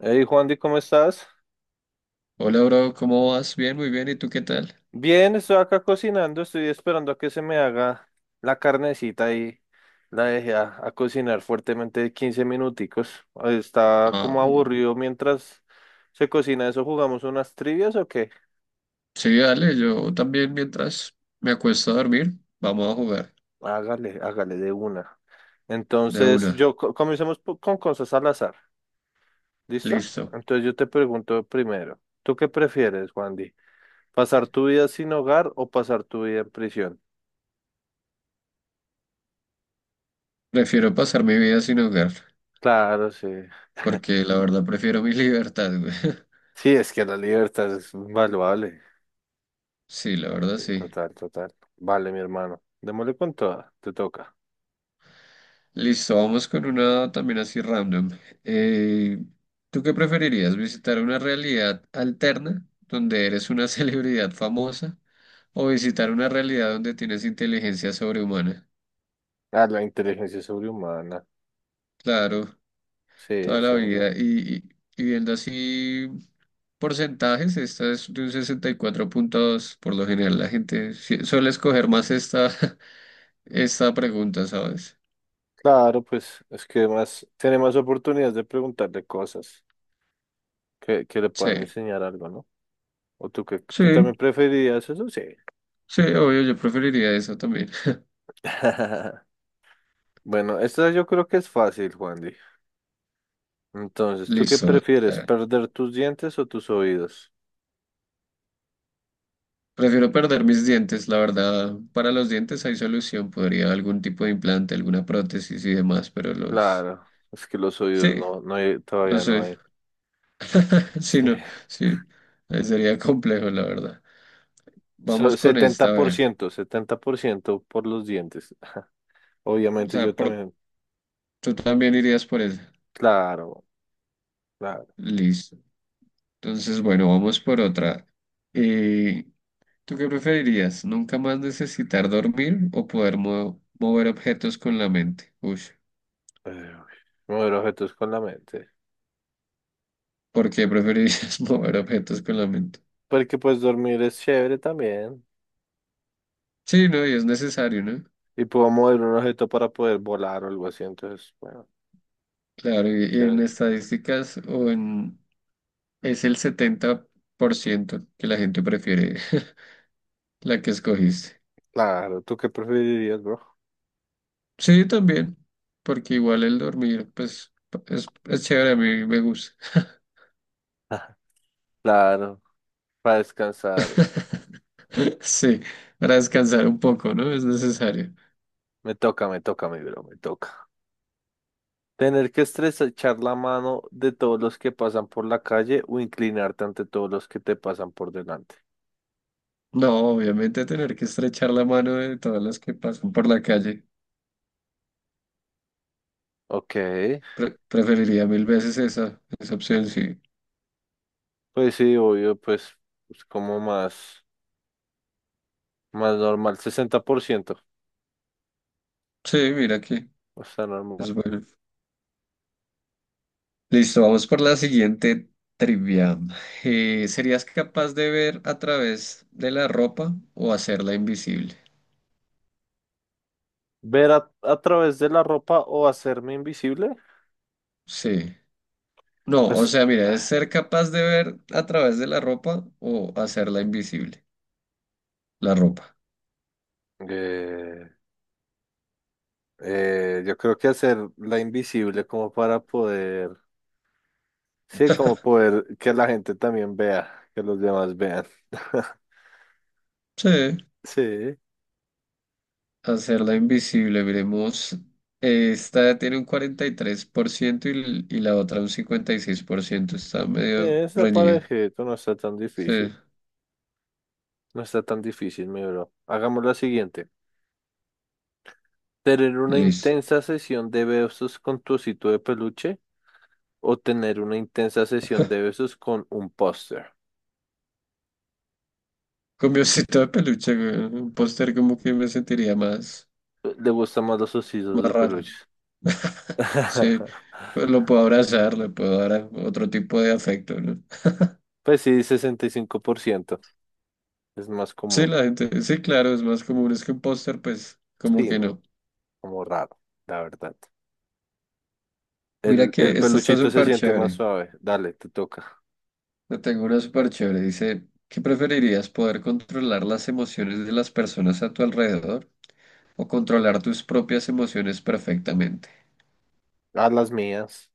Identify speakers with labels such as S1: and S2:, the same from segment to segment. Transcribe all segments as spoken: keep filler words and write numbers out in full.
S1: Hey Juan, ¿cómo estás?
S2: Hola, bro, ¿cómo vas? Bien, muy bien. ¿Y tú qué tal?
S1: Bien, estoy acá cocinando, estoy esperando a que se me haga la carnecita y la dejé a, a cocinar fuertemente quince minuticos. Está
S2: Ah,
S1: como aburrido mientras se cocina eso, ¿jugamos unas trivias o qué?
S2: sí, dale, yo también mientras me acuesto a dormir, vamos a jugar
S1: Hágale, hágale de una.
S2: de
S1: Entonces,
S2: una.
S1: yo co- comencemos po- con cosas al azar, ¿listo?
S2: Listo.
S1: Entonces yo te pregunto primero, ¿tú qué prefieres, Juan? ¿Pasar tu vida sin hogar o pasar tu vida en prisión?
S2: Prefiero pasar mi vida sin hogar,
S1: Claro, sí.
S2: porque la verdad prefiero mi libertad, güey.
S1: Sí, es que la libertad es invaluable.
S2: Sí, la verdad
S1: Sí,
S2: sí.
S1: total, total. Vale, mi hermano. Démosle con toda. Te toca.
S2: Listo, vamos con una también así random. Eh, ¿Tú qué preferirías? ¿Visitar una realidad alterna donde eres una celebridad famosa o visitar una realidad donde tienes inteligencia sobrehumana?
S1: Ah, la inteligencia sobrehumana.
S2: Claro,
S1: Sí,
S2: toda la
S1: eso
S2: vida.
S1: era-
S2: Y, y- y viendo así porcentajes, esta es de un sesenta y cuatro punto dos. Por lo general, la gente sí- suele escoger más esta, esta pregunta, ¿sabes?
S1: Claro, pues es que más, tiene más oportunidades de preguntarle cosas que, que le
S2: Sí,
S1: puedan enseñar algo, ¿no? ¿O tú que
S2: sí,
S1: tú también preferirías eso? Sí.
S2: sí, obvio, yo preferiría eso también.
S1: Bueno, esta yo creo que es fácil, Juandy. Entonces, ¿tú qué
S2: Listo.
S1: prefieres?
S2: eh,
S1: ¿Perder tus dientes o tus oídos?
S2: Prefiero perder mis dientes, la verdad. Para los dientes hay solución. Podría algún tipo de implante, alguna prótesis y demás, pero los...
S1: Claro, es que los
S2: Sí,
S1: oídos no, no hay-
S2: no
S1: todavía no
S2: sé.
S1: hay.
S2: Sí,
S1: Sí.
S2: no, sí. eh, Sería complejo, la verdad.
S1: So-
S2: Vamos con esta, a ver.
S1: setenta por ciento, setenta por ciento por los dientes.
S2: O
S1: Obviamente yo
S2: sea, por,
S1: también.
S2: tú también irías por esa.
S1: Claro, claro.
S2: Listo. Entonces, bueno, vamos por otra. Eh, ¿Tú qué preferirías? ¿Nunca más necesitar dormir o poder mo- mover objetos con la mente? Uy,
S1: Eh, Mover objetos con la mente.
S2: ¿por qué preferirías mover objetos con la mente?
S1: Porque pues dormir es chévere también.
S2: Sí, no, y es necesario, ¿no?
S1: Y puedo mover un objeto para poder volar o algo así. Entonces, bueno,
S2: Claro, y, y en
S1: chévere.
S2: estadísticas o en, es el setenta por ciento que la gente prefiere la que escogiste.
S1: Claro, ¿tú qué preferirías, bro?
S2: Sí, también, porque igual el dormir, pues, es, es chévere, a mí me gusta.
S1: Claro, para descansar.
S2: Sí, para descansar un poco, ¿no? Es necesario.
S1: Me toca, me toca, mi bro, me toca. Tener que estrechar la mano de todos los que pasan por la calle o inclinarte ante todos los que te pasan por delante.
S2: No, obviamente tener que estrechar la mano de todas las que pasan por la calle.
S1: Ok.
S2: Pre- preferiría mil veces esa, esa opción, sí.
S1: Pues sí, obvio, pues, pues como más, más normal, sesenta por ciento,
S2: Sí, mira aquí,
S1: o sea, normal.
S2: es bueno. Listo, vamos por la siguiente trivia. Eh, ¿serías capaz de ver a través de la ropa o hacerla invisible?
S1: Ver a, a través de la ropa o hacerme invisible.
S2: Sí. No, o
S1: Pues,
S2: sea, mira, es ser capaz de ver a través de la ropa o hacerla invisible. La ropa.
S1: eh, eh, yo creo que hacerla invisible como para poder, sí, como poder que la gente también vea, que los demás vean.
S2: Sí.
S1: Sí,
S2: Hacerla invisible, miremos. Esta tiene un cuarenta y, tres por ciento y, l- y la otra un cincuenta y seis por ciento. Está
S1: sí,
S2: medio
S1: esa
S2: reñida.
S1: parejito no está tan
S2: Sí,
S1: difícil, no está tan difícil, mi bro. Hagamos la siguiente. Tener una
S2: listo.
S1: intensa sesión de besos con tu osito de peluche o tener una intensa sesión de besos con un póster.
S2: Con mi osito de peluche, güey, un póster como que me sentiría más,
S1: Le gustan más los
S2: más
S1: ositos de
S2: raro.
S1: peluche.
S2: Sí, pues lo puedo abrazar, le puedo dar a- otro tipo de afecto, ¿no?
S1: Pues sí, sesenta y cinco por ciento. Es más
S2: Sí,
S1: común.
S2: la gente, sí, claro, es más común, es que un póster, pues, como
S1: Sí,
S2: que
S1: no,
S2: no.
S1: como raro, la verdad.
S2: Mira
S1: El,
S2: que
S1: el
S2: esta está
S1: peluchito se
S2: súper
S1: siente más
S2: chévere.
S1: suave. Dale, te toca.
S2: Yo tengo una súper chévere. Dice, ¿qué preferirías? ¿Poder controlar las emociones de las personas a tu alrededor o controlar tus propias emociones perfectamente?
S1: A las mías.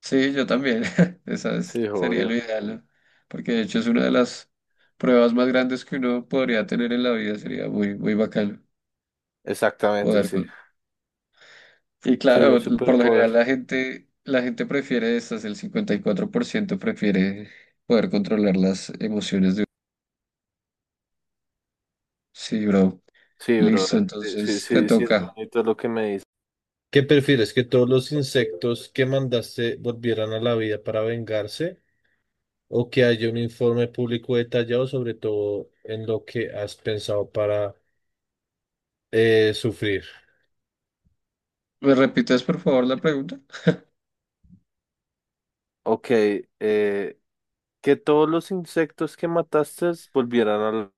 S2: Sí, yo también. Esa es-
S1: Sí,
S2: sería lo
S1: obvio.
S2: ideal, ¿no? Porque de hecho es una de las pruebas más grandes que uno podría tener en la vida. Sería muy, muy bacano
S1: Exactamente,
S2: poder
S1: sí.
S2: con... Y
S1: Sería un
S2: claro, por lo
S1: superpoder.
S2: general la gente, la gente prefiere estas. El cincuenta y cuatro por ciento prefiere poder controlar las emociones de... Sí, bro.
S1: Sí,
S2: Listo,
S1: brother. Sí, sí,
S2: entonces te
S1: sí, sí, es
S2: toca.
S1: bonito lo que me dices. ¿Qué prefieres? ¿Que todos los insectos que mandaste volvieran a la vida para vengarse o que haya un informe público detallado sobre todo en lo que has pensado para eh, sufrir?
S2: ¿Me repites por favor la pregunta?
S1: Ok, eh, que todos los insectos que mataste volvieran a la...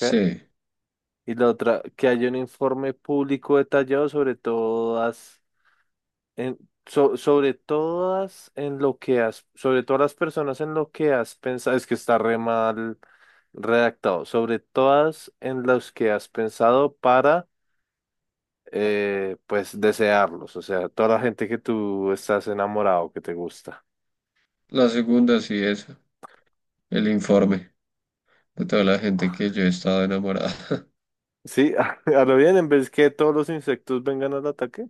S1: ¿qué?
S2: Sí,
S1: Y la otra, que haya un informe público detallado sobre todas, en, so- sobre todas en lo que has, sobre todas las personas en lo que has pensado, es que está re mal redactado, sobre todas en las que has pensado para eh, pues desearlos, o sea, toda la gente que tú estás enamorado, que te gusta.
S2: la segunda sí esa, el informe de toda la gente que yo he estado enamorada.
S1: Sí, a lo bien, en vez que todos los insectos vengan al ataque,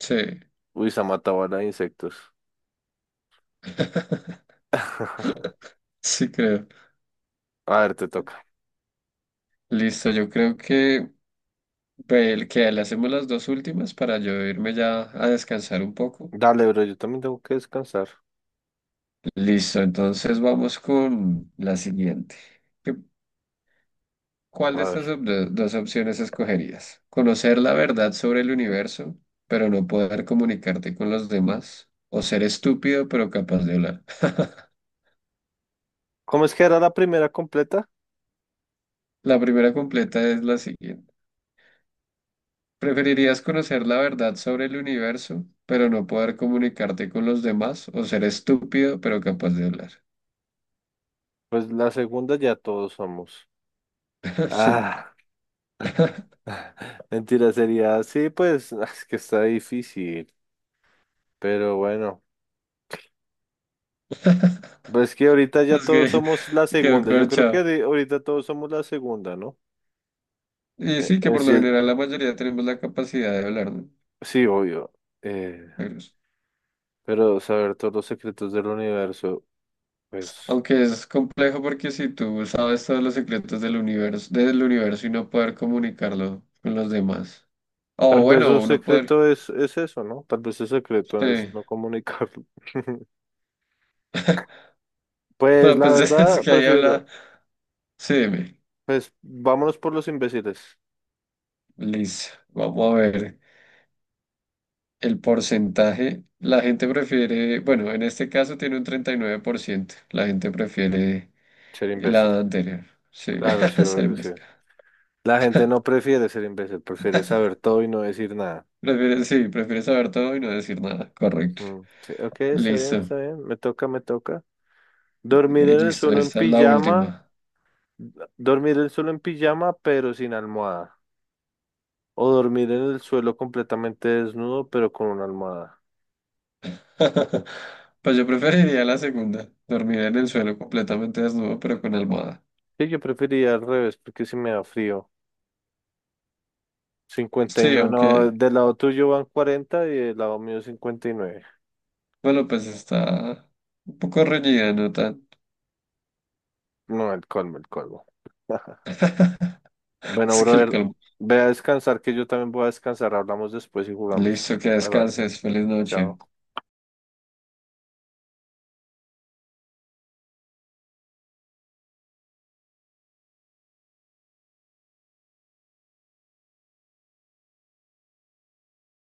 S2: Sí,
S1: uy, se ha matado a la de insectos.
S2: sí creo.
S1: A ver, te toca.
S2: Listo, yo creo que, ve, que le hacemos las dos últimas para yo irme ya a descansar un poco.
S1: Dale, bro, yo también tengo que descansar.
S2: Listo, entonces vamos con la siguiente. ¿Qué- ¿Cuál
S1: A
S2: de
S1: ver.
S2: estas op- do- dos opciones escogerías? ¿Conocer la verdad sobre el universo, pero no poder comunicarte con los demás? ¿O ser estúpido pero capaz de hablar?
S1: ¿Cómo es que era la primera completa?
S2: La primera completa es la siguiente. ¿Preferirías conocer la verdad sobre el universo, pero no poder comunicarte con los demás, o ser estúpido, pero capaz de hablar?
S1: Pues la segunda ya todos somos.
S2: Sí,
S1: Ah. Mentira, sería. Sí, pues es que está difícil. Pero bueno. Pues que ahorita ya
S2: es
S1: todos
S2: que
S1: somos la
S2: quedó
S1: segunda. Yo creo que
S2: corchado.
S1: de- ahorita todos somos la segunda, ¿no?
S2: Y
S1: Eh,
S2: sí, que
S1: en
S2: por
S1: sí,
S2: lo
S1: eh,
S2: general la mayoría tenemos la capacidad de hablar, ¿no?
S1: sí, obvio. Eh,
S2: Pero es-
S1: pero saber todos los secretos del universo, pues
S2: Aunque es complejo porque si tú sabes todos los secretos del universo, del universo y no poder comunicarlo con los demás. O
S1: tal vez un
S2: bueno, no poder.
S1: secreto es, es eso, ¿no? Tal vez el
S2: Sí.
S1: secreto es no comunicarlo. Pues
S2: Pero
S1: la
S2: pues es
S1: verdad,
S2: que ahí
S1: prefiero,
S2: habla. Sí, dime.
S1: pues vámonos por los imbéciles.
S2: Listo, vamos a ver el porcentaje. La gente prefiere, bueno, en este caso tiene un treinta y nueve por ciento. La gente prefiere
S1: Ser imbécil.
S2: la anterior. Sí,
S1: Claro, sí,
S2: ser-
S1: obvio, sí. La gente no prefiere ser imbécil, prefiere saber todo y no decir nada.
S2: prefiere, sí, prefiere saber todo y no decir nada. Correcto.
S1: Ujú. Sí, ok, está bien,
S2: Listo,
S1: está bien. Me toca, me toca. Dormir
S2: y
S1: en el
S2: listo,
S1: suelo en
S2: esta es la
S1: pijama,
S2: última.
S1: dormir el suelo en pijama, pero sin almohada. O dormir en el suelo completamente desnudo, pero con una almohada.
S2: Pues yo preferiría la segunda, dormir en el suelo completamente desnudo, pero con almohada.
S1: Sí, yo preferiría al revés, porque si me da frío. Cincuenta y
S2: Sí,
S1: nueve, no,
S2: aunque,
S1: del lado tuyo van cuarenta y del lado mío cincuenta y nueve.
S2: bueno, pues está un poco reñida, ¿no tan?
S1: No, el colmo, el colmo. Bueno,
S2: Es que el
S1: brother,
S2: colmo.
S1: ve a descansar, que yo también voy a descansar. Hablamos después y jugamos.
S2: Listo, que
S1: Bye bye.
S2: descanses. Feliz noche.
S1: Chao.